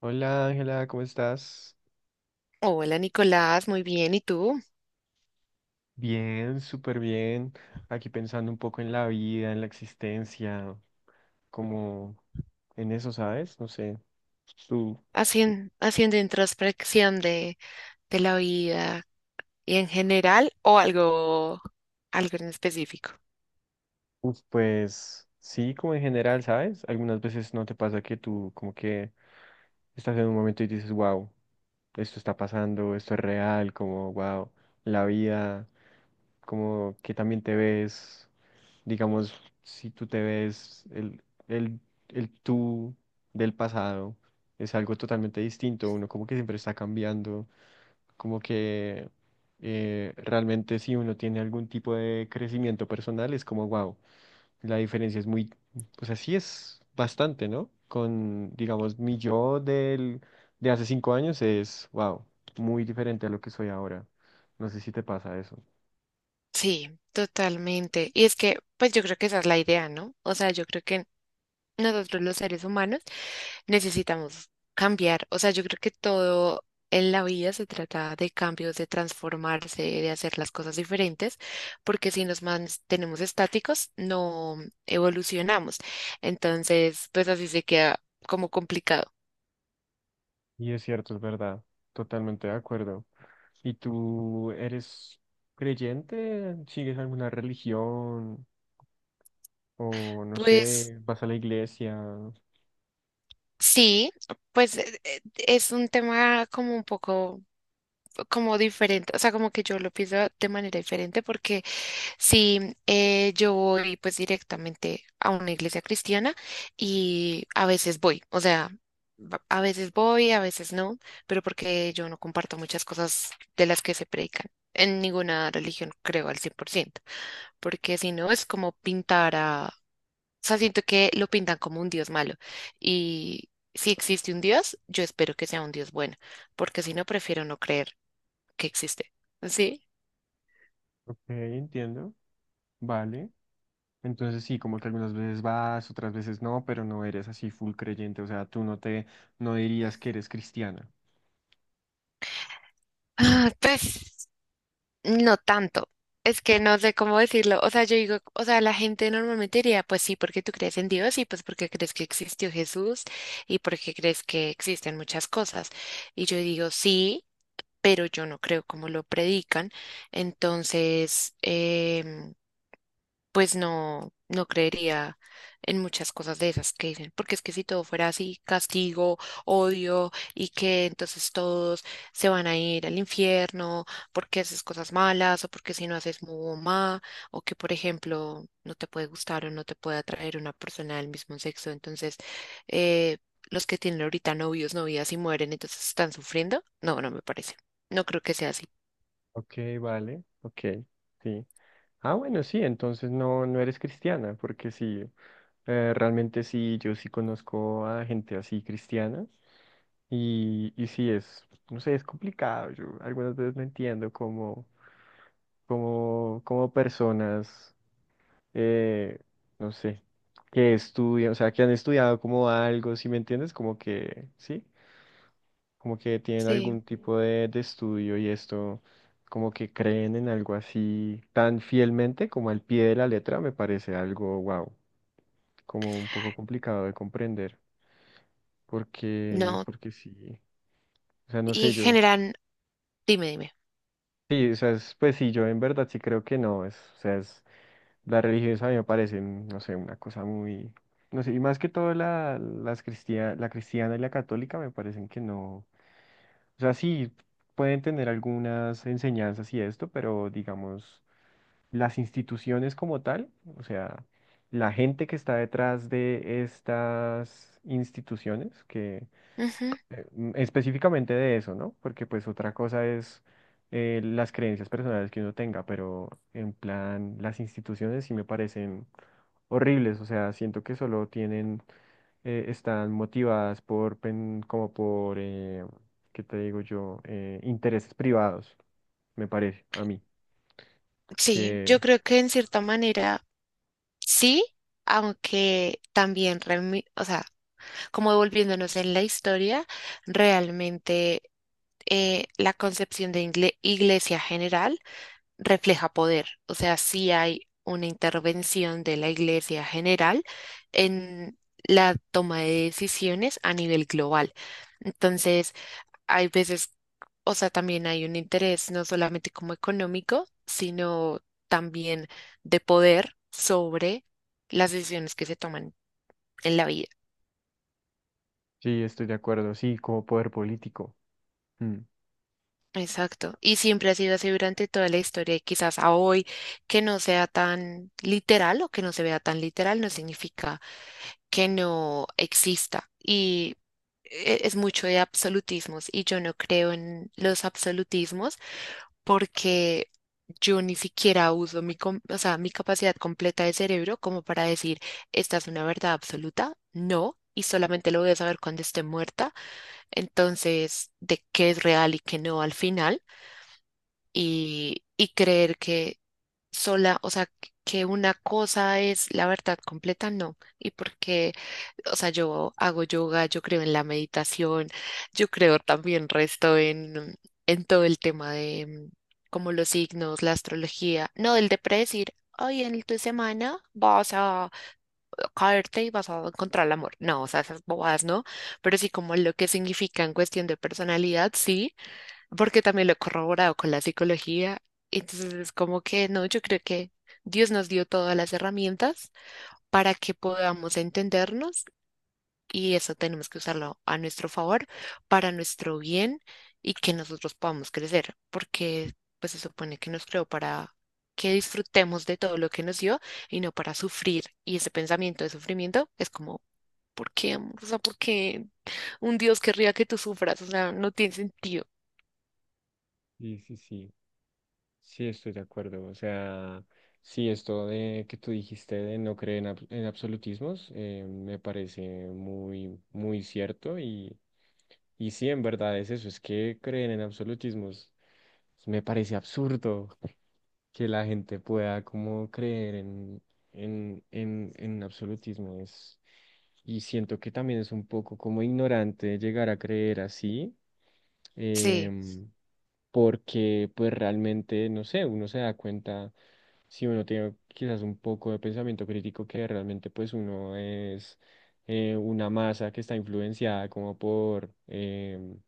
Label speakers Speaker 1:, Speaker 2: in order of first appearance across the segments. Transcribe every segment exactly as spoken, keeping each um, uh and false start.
Speaker 1: Hola Ángela, ¿cómo estás?
Speaker 2: Hola Nicolás, muy bien. ¿Y tú?
Speaker 1: Bien, súper bien. Aquí pensando un poco en la vida, en la existencia, como en eso, ¿sabes? No sé. Tú,
Speaker 2: ¿Hacien- haciendo introspección de, de la vida y en general o algo, algo en específico?
Speaker 1: uf, pues sí, como en general, ¿sabes? Algunas veces no te pasa que tú como que estás en un momento y dices, wow, esto está pasando, esto es real, como wow, la vida, como que también te ves. Digamos, si tú te ves, el, el, el tú del pasado es algo totalmente distinto. Uno como que siempre está cambiando, como que eh, realmente si uno tiene algún tipo de crecimiento personal es como, wow, la diferencia es muy, o sea, sí es bastante, ¿no? Con, digamos, mi yo del, de hace cinco años es, wow, muy diferente a lo que soy ahora. No sé si te pasa eso.
Speaker 2: Sí, totalmente. Y es que, pues yo creo que esa es la idea, ¿no? O sea, yo creo que nosotros los seres humanos necesitamos cambiar. O sea, yo creo que todo en la vida se trata de cambios, de transformarse, de hacer las cosas diferentes, porque si nos mantenemos estáticos, no evolucionamos. Entonces, pues así se queda como complicado.
Speaker 1: Y es cierto, es verdad. Totalmente de acuerdo. ¿Y tú eres creyente? ¿Sigues alguna religión? O no
Speaker 2: Pues
Speaker 1: sé, vas a la iglesia.
Speaker 2: sí, pues eh, eh, es un tema como un poco como diferente, o sea, como que yo lo pienso de manera diferente porque sí, eh, yo voy pues directamente a una iglesia cristiana y a veces voy, o sea, va- a veces voy, a veces no, pero porque yo no comparto muchas cosas de las que se predican. En ninguna religión creo al cien por ciento, porque si no es como pintar a... O sea, siento que lo pintan como un Dios malo y si existe un Dios, yo espero que sea un Dios bueno, porque si no, prefiero no creer que existe. ¿Sí?
Speaker 1: Ok, entiendo. Vale. Entonces sí, como que algunas veces vas, otras veces no, pero no eres así full creyente. O sea, tú no te, no dirías que eres cristiana.
Speaker 2: Ah, pues. No tanto. Es que no sé cómo decirlo. O sea, yo digo, o sea, la gente normalmente diría, pues sí, porque tú crees en Dios y pues porque crees que existió Jesús y porque crees que existen muchas cosas. Y yo digo, sí, pero yo no creo como lo predican. Entonces, em, pues no, no creería en muchas cosas de esas que dicen, porque es que si todo fuera así, castigo, odio, y que entonces todos se van a ir al infierno porque haces cosas malas, o porque si no haces mu o ma, o que por ejemplo no te puede gustar o no te puede atraer una persona del mismo sexo, entonces eh, los que tienen ahorita novios, novias y mueren, entonces están sufriendo. No, no me parece. No creo que sea así.
Speaker 1: Ok, vale, ok, sí. Ah, bueno, sí, entonces no, no eres cristiana, porque sí, eh, realmente sí, yo sí conozco a gente así cristiana y, y sí es, no sé, es complicado. Yo algunas veces no entiendo cómo, cómo, cómo personas, eh, no sé, que estudian, o sea, que han estudiado como algo, ¿si me entiendes? Como que sí, como que tienen
Speaker 2: Sí.
Speaker 1: algún tipo de, de estudio y esto, como que creen en algo así tan fielmente como al pie de la letra, me parece algo, wow, como un poco complicado de comprender, porque,
Speaker 2: No,
Speaker 1: porque sí, o sea, no sé,
Speaker 2: y
Speaker 1: yo,
Speaker 2: generan, dime, dime.
Speaker 1: sí, o sea, es- pues sí, yo en verdad sí creo que no, es, o sea, es, la religión a mí me parece, no sé, una cosa muy, no sé, y más que todo la, las cristia- la cristiana y la católica me parecen que no. O sea, sí, pueden tener algunas enseñanzas y esto, pero digamos, las instituciones como tal, o sea, la gente que está detrás de estas instituciones, que eh, mm, específicamente de eso, ¿no? Porque pues otra cosa es eh, las creencias personales que uno tenga, pero en plan, las instituciones sí me parecen horribles, o sea, siento que solo tienen, eh, están motivadas por, pen- como por, eh, ¿qué te digo yo? Eh, intereses privados, me parece, a mí,
Speaker 2: Sí, yo
Speaker 1: que
Speaker 2: creo que en cierta manera sí, aunque también, remi- o sea, como volviéndonos en la historia, realmente eh, la concepción de ingle- iglesia general refleja poder, o sea, sí hay una intervención de la iglesia general en la toma de decisiones a nivel global. Entonces, hay veces, o sea, también hay un interés no solamente como económico, sino también de poder sobre las decisiones que se toman en la vida.
Speaker 1: sí, estoy de acuerdo, sí, como poder político. Mm,
Speaker 2: Exacto. Y siempre ha sido así durante toda la historia y quizás a hoy que no sea tan literal o que no se vea tan literal no significa que no exista. Y e- es mucho de absolutismos y yo no creo en los absolutismos porque yo ni siquiera uso mi, com- o sea, mi capacidad completa de cerebro como para decir, esta es una verdad absoluta, no, y solamente lo voy a saber cuando esté muerta, entonces, de qué es real y qué no al final, y, y creer que sola, o sea, que una cosa es la verdad completa, no, y porque o sea, yo hago yoga, yo creo en la meditación, yo creo también resto en, en todo el tema de mm, como los signos, la astrología, no del de predecir, hoy en tu semana vas a caerte y vas a encontrar el amor. No, o sea, esas bobadas no, pero sí como lo que significa en cuestión de personalidad, sí, porque también lo he corroborado con la psicología. Entonces es como que no, yo creo que Dios nos dio todas las herramientas para que podamos entendernos y eso tenemos que usarlo a nuestro favor, para nuestro bien y que nosotros podamos crecer, porque pues se supone que nos creó para que disfrutemos de todo lo que nos dio y no para sufrir. Y ese pensamiento de sufrimiento es como, ¿por qué, amor? O sea, ¿por qué un Dios querría que tú sufras? O sea, no tiene sentido.
Speaker 1: sí, sí, sí, sí, estoy de acuerdo, o sea, sí, esto de que tú dijiste de no creer en, ab- en absolutismos, eh, me parece muy, muy cierto y, y sí, en verdad es eso, es que creen en absolutismos. Me parece absurdo que la gente pueda como creer en, en, en, en absolutismo es, y siento que también es un poco como ignorante llegar a creer así,
Speaker 2: Sí,
Speaker 1: em, porque pues realmente, no sé, uno se da cuenta, si uno tiene quizás un poco de pensamiento crítico, que realmente pues uno es eh, una masa que está influenciada como por... em,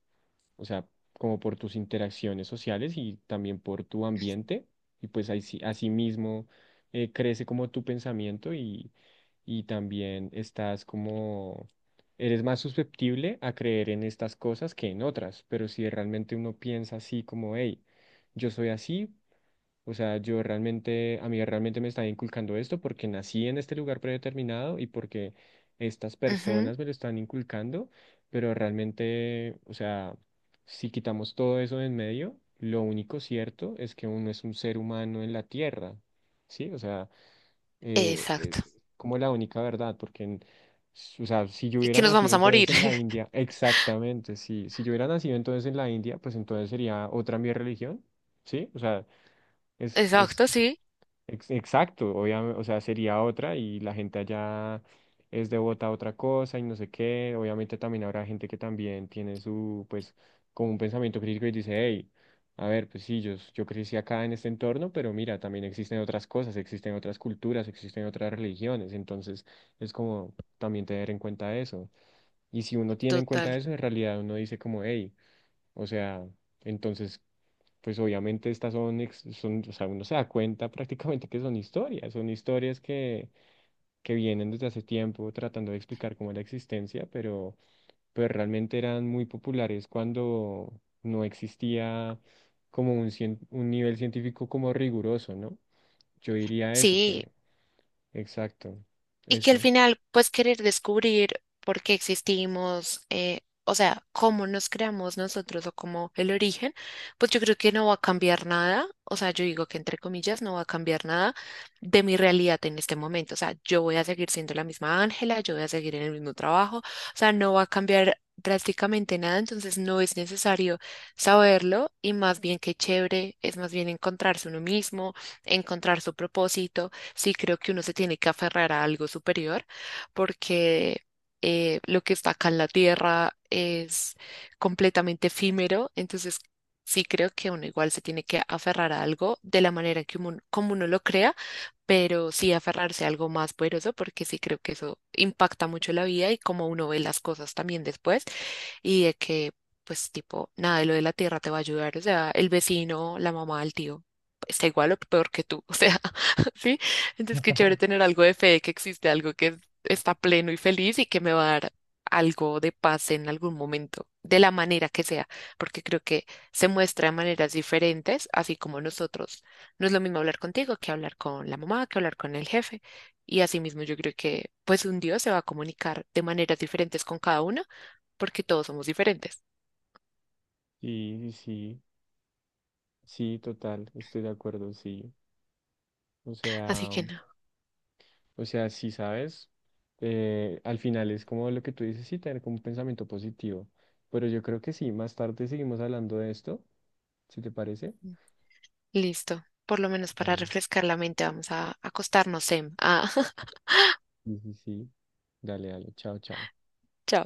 Speaker 1: o sea, como por tus interacciones sociales y también por tu ambiente, y pues así, así mismo eh, crece como tu pensamiento y, y también estás como, eres más susceptible a creer en estas cosas que en otras, pero si realmente uno piensa así como, hey, yo soy así, o sea, yo realmente, a mí realmente me está inculcando esto porque nací en este lugar predeterminado y porque estas
Speaker 2: ujú.
Speaker 1: personas me lo están inculcando, pero realmente, o sea, si quitamos todo eso de en medio, lo único cierto es que uno es un ser humano en la tierra, ¿sí? O sea, eh, eh,
Speaker 2: Exacto.
Speaker 1: como la única verdad, porque, en- s- o sea, si yo
Speaker 2: Y
Speaker 1: hubiera
Speaker 2: que nos vamos
Speaker 1: nacido
Speaker 2: a morir.
Speaker 1: entonces en la India, exactamente, sí, si yo hubiera nacido entonces en la India, pues entonces sería otra mi religión, ¿sí? O sea... Es, es,
Speaker 2: Exacto, sí,
Speaker 1: Ex- Exacto, obviamente, o sea, sería otra y la gente allá es devota a otra cosa y no sé qué. Obviamente también habrá gente que también tiene su, pues, como un pensamiento crítico y dice, hey, a ver, pues sí, yo, yo crecí acá en este entorno, pero mira, también existen otras cosas, existen otras culturas, existen otras religiones. Entonces, es como también tener en cuenta eso. Y si uno tiene en cuenta
Speaker 2: total.
Speaker 1: eso, en realidad uno dice como, hey, o sea, entonces, pues obviamente estas son, ex- son, o sea, uno se da cuenta prácticamente que son historias, son historias que, que vienen desde hace tiempo tratando de explicar cómo es la existencia, pero, pero realmente eran muy populares cuando no existía como un, cien- un nivel científico como riguroso, ¿no? Yo diría eso,
Speaker 2: Sí,
Speaker 1: que, exacto,
Speaker 2: y que al
Speaker 1: eso.
Speaker 2: final, pues querer descubrir por qué existimos, eh, o sea, cómo nos creamos nosotros o cómo el origen, pues yo creo que no va a cambiar nada, o sea, yo digo que entre comillas no va a cambiar nada de mi realidad en este momento, o sea, yo voy a seguir siendo la misma Ángela, yo voy a seguir en el mismo trabajo, o sea, no va a cambiar drásticamente nada, entonces no es necesario saberlo y más bien que chévere, es más bien encontrarse uno mismo, encontrar su propósito. Sí creo que uno se tiene que aferrar a algo superior porque eh, lo que está acá en la tierra es completamente efímero, entonces sí creo que uno igual se tiene que aferrar a algo de la manera que uno, como uno lo crea, pero sí aferrarse a algo más poderoso porque sí creo que eso impacta mucho la vida y cómo uno ve las cosas también después y de que pues tipo nada de lo de la tierra te va a ayudar, o sea, el vecino, la mamá, el tío está igual o peor que tú, o sea, sí, entonces, qué chévere tener algo de fe de que existe algo que está pleno y feliz y que me va a dar algo de paz en algún momento, de la manera que sea, porque creo que se muestra de maneras diferentes, así como nosotros. No es lo mismo hablar contigo que hablar con la mamá, que hablar con el jefe. Y asimismo, yo creo que pues un Dios se va a comunicar de maneras diferentes con cada uno, porque todos somos diferentes.
Speaker 1: Sí, sí, sí, sí, total, estoy de acuerdo, sí. O
Speaker 2: Así
Speaker 1: sea...
Speaker 2: que no,
Speaker 1: O sea, si sabes, eh, al final es como lo que tú dices, sí, tener como un pensamiento positivo. Pero yo creo que sí, más tarde seguimos hablando de esto, si te parece.
Speaker 2: listo. Por lo menos para
Speaker 1: Dale.
Speaker 2: refrescar la mente, vamos a acostarnos, Sem. Ah,
Speaker 1: Sí, sí, sí. Dale, dale. Chao, chao.
Speaker 2: chao.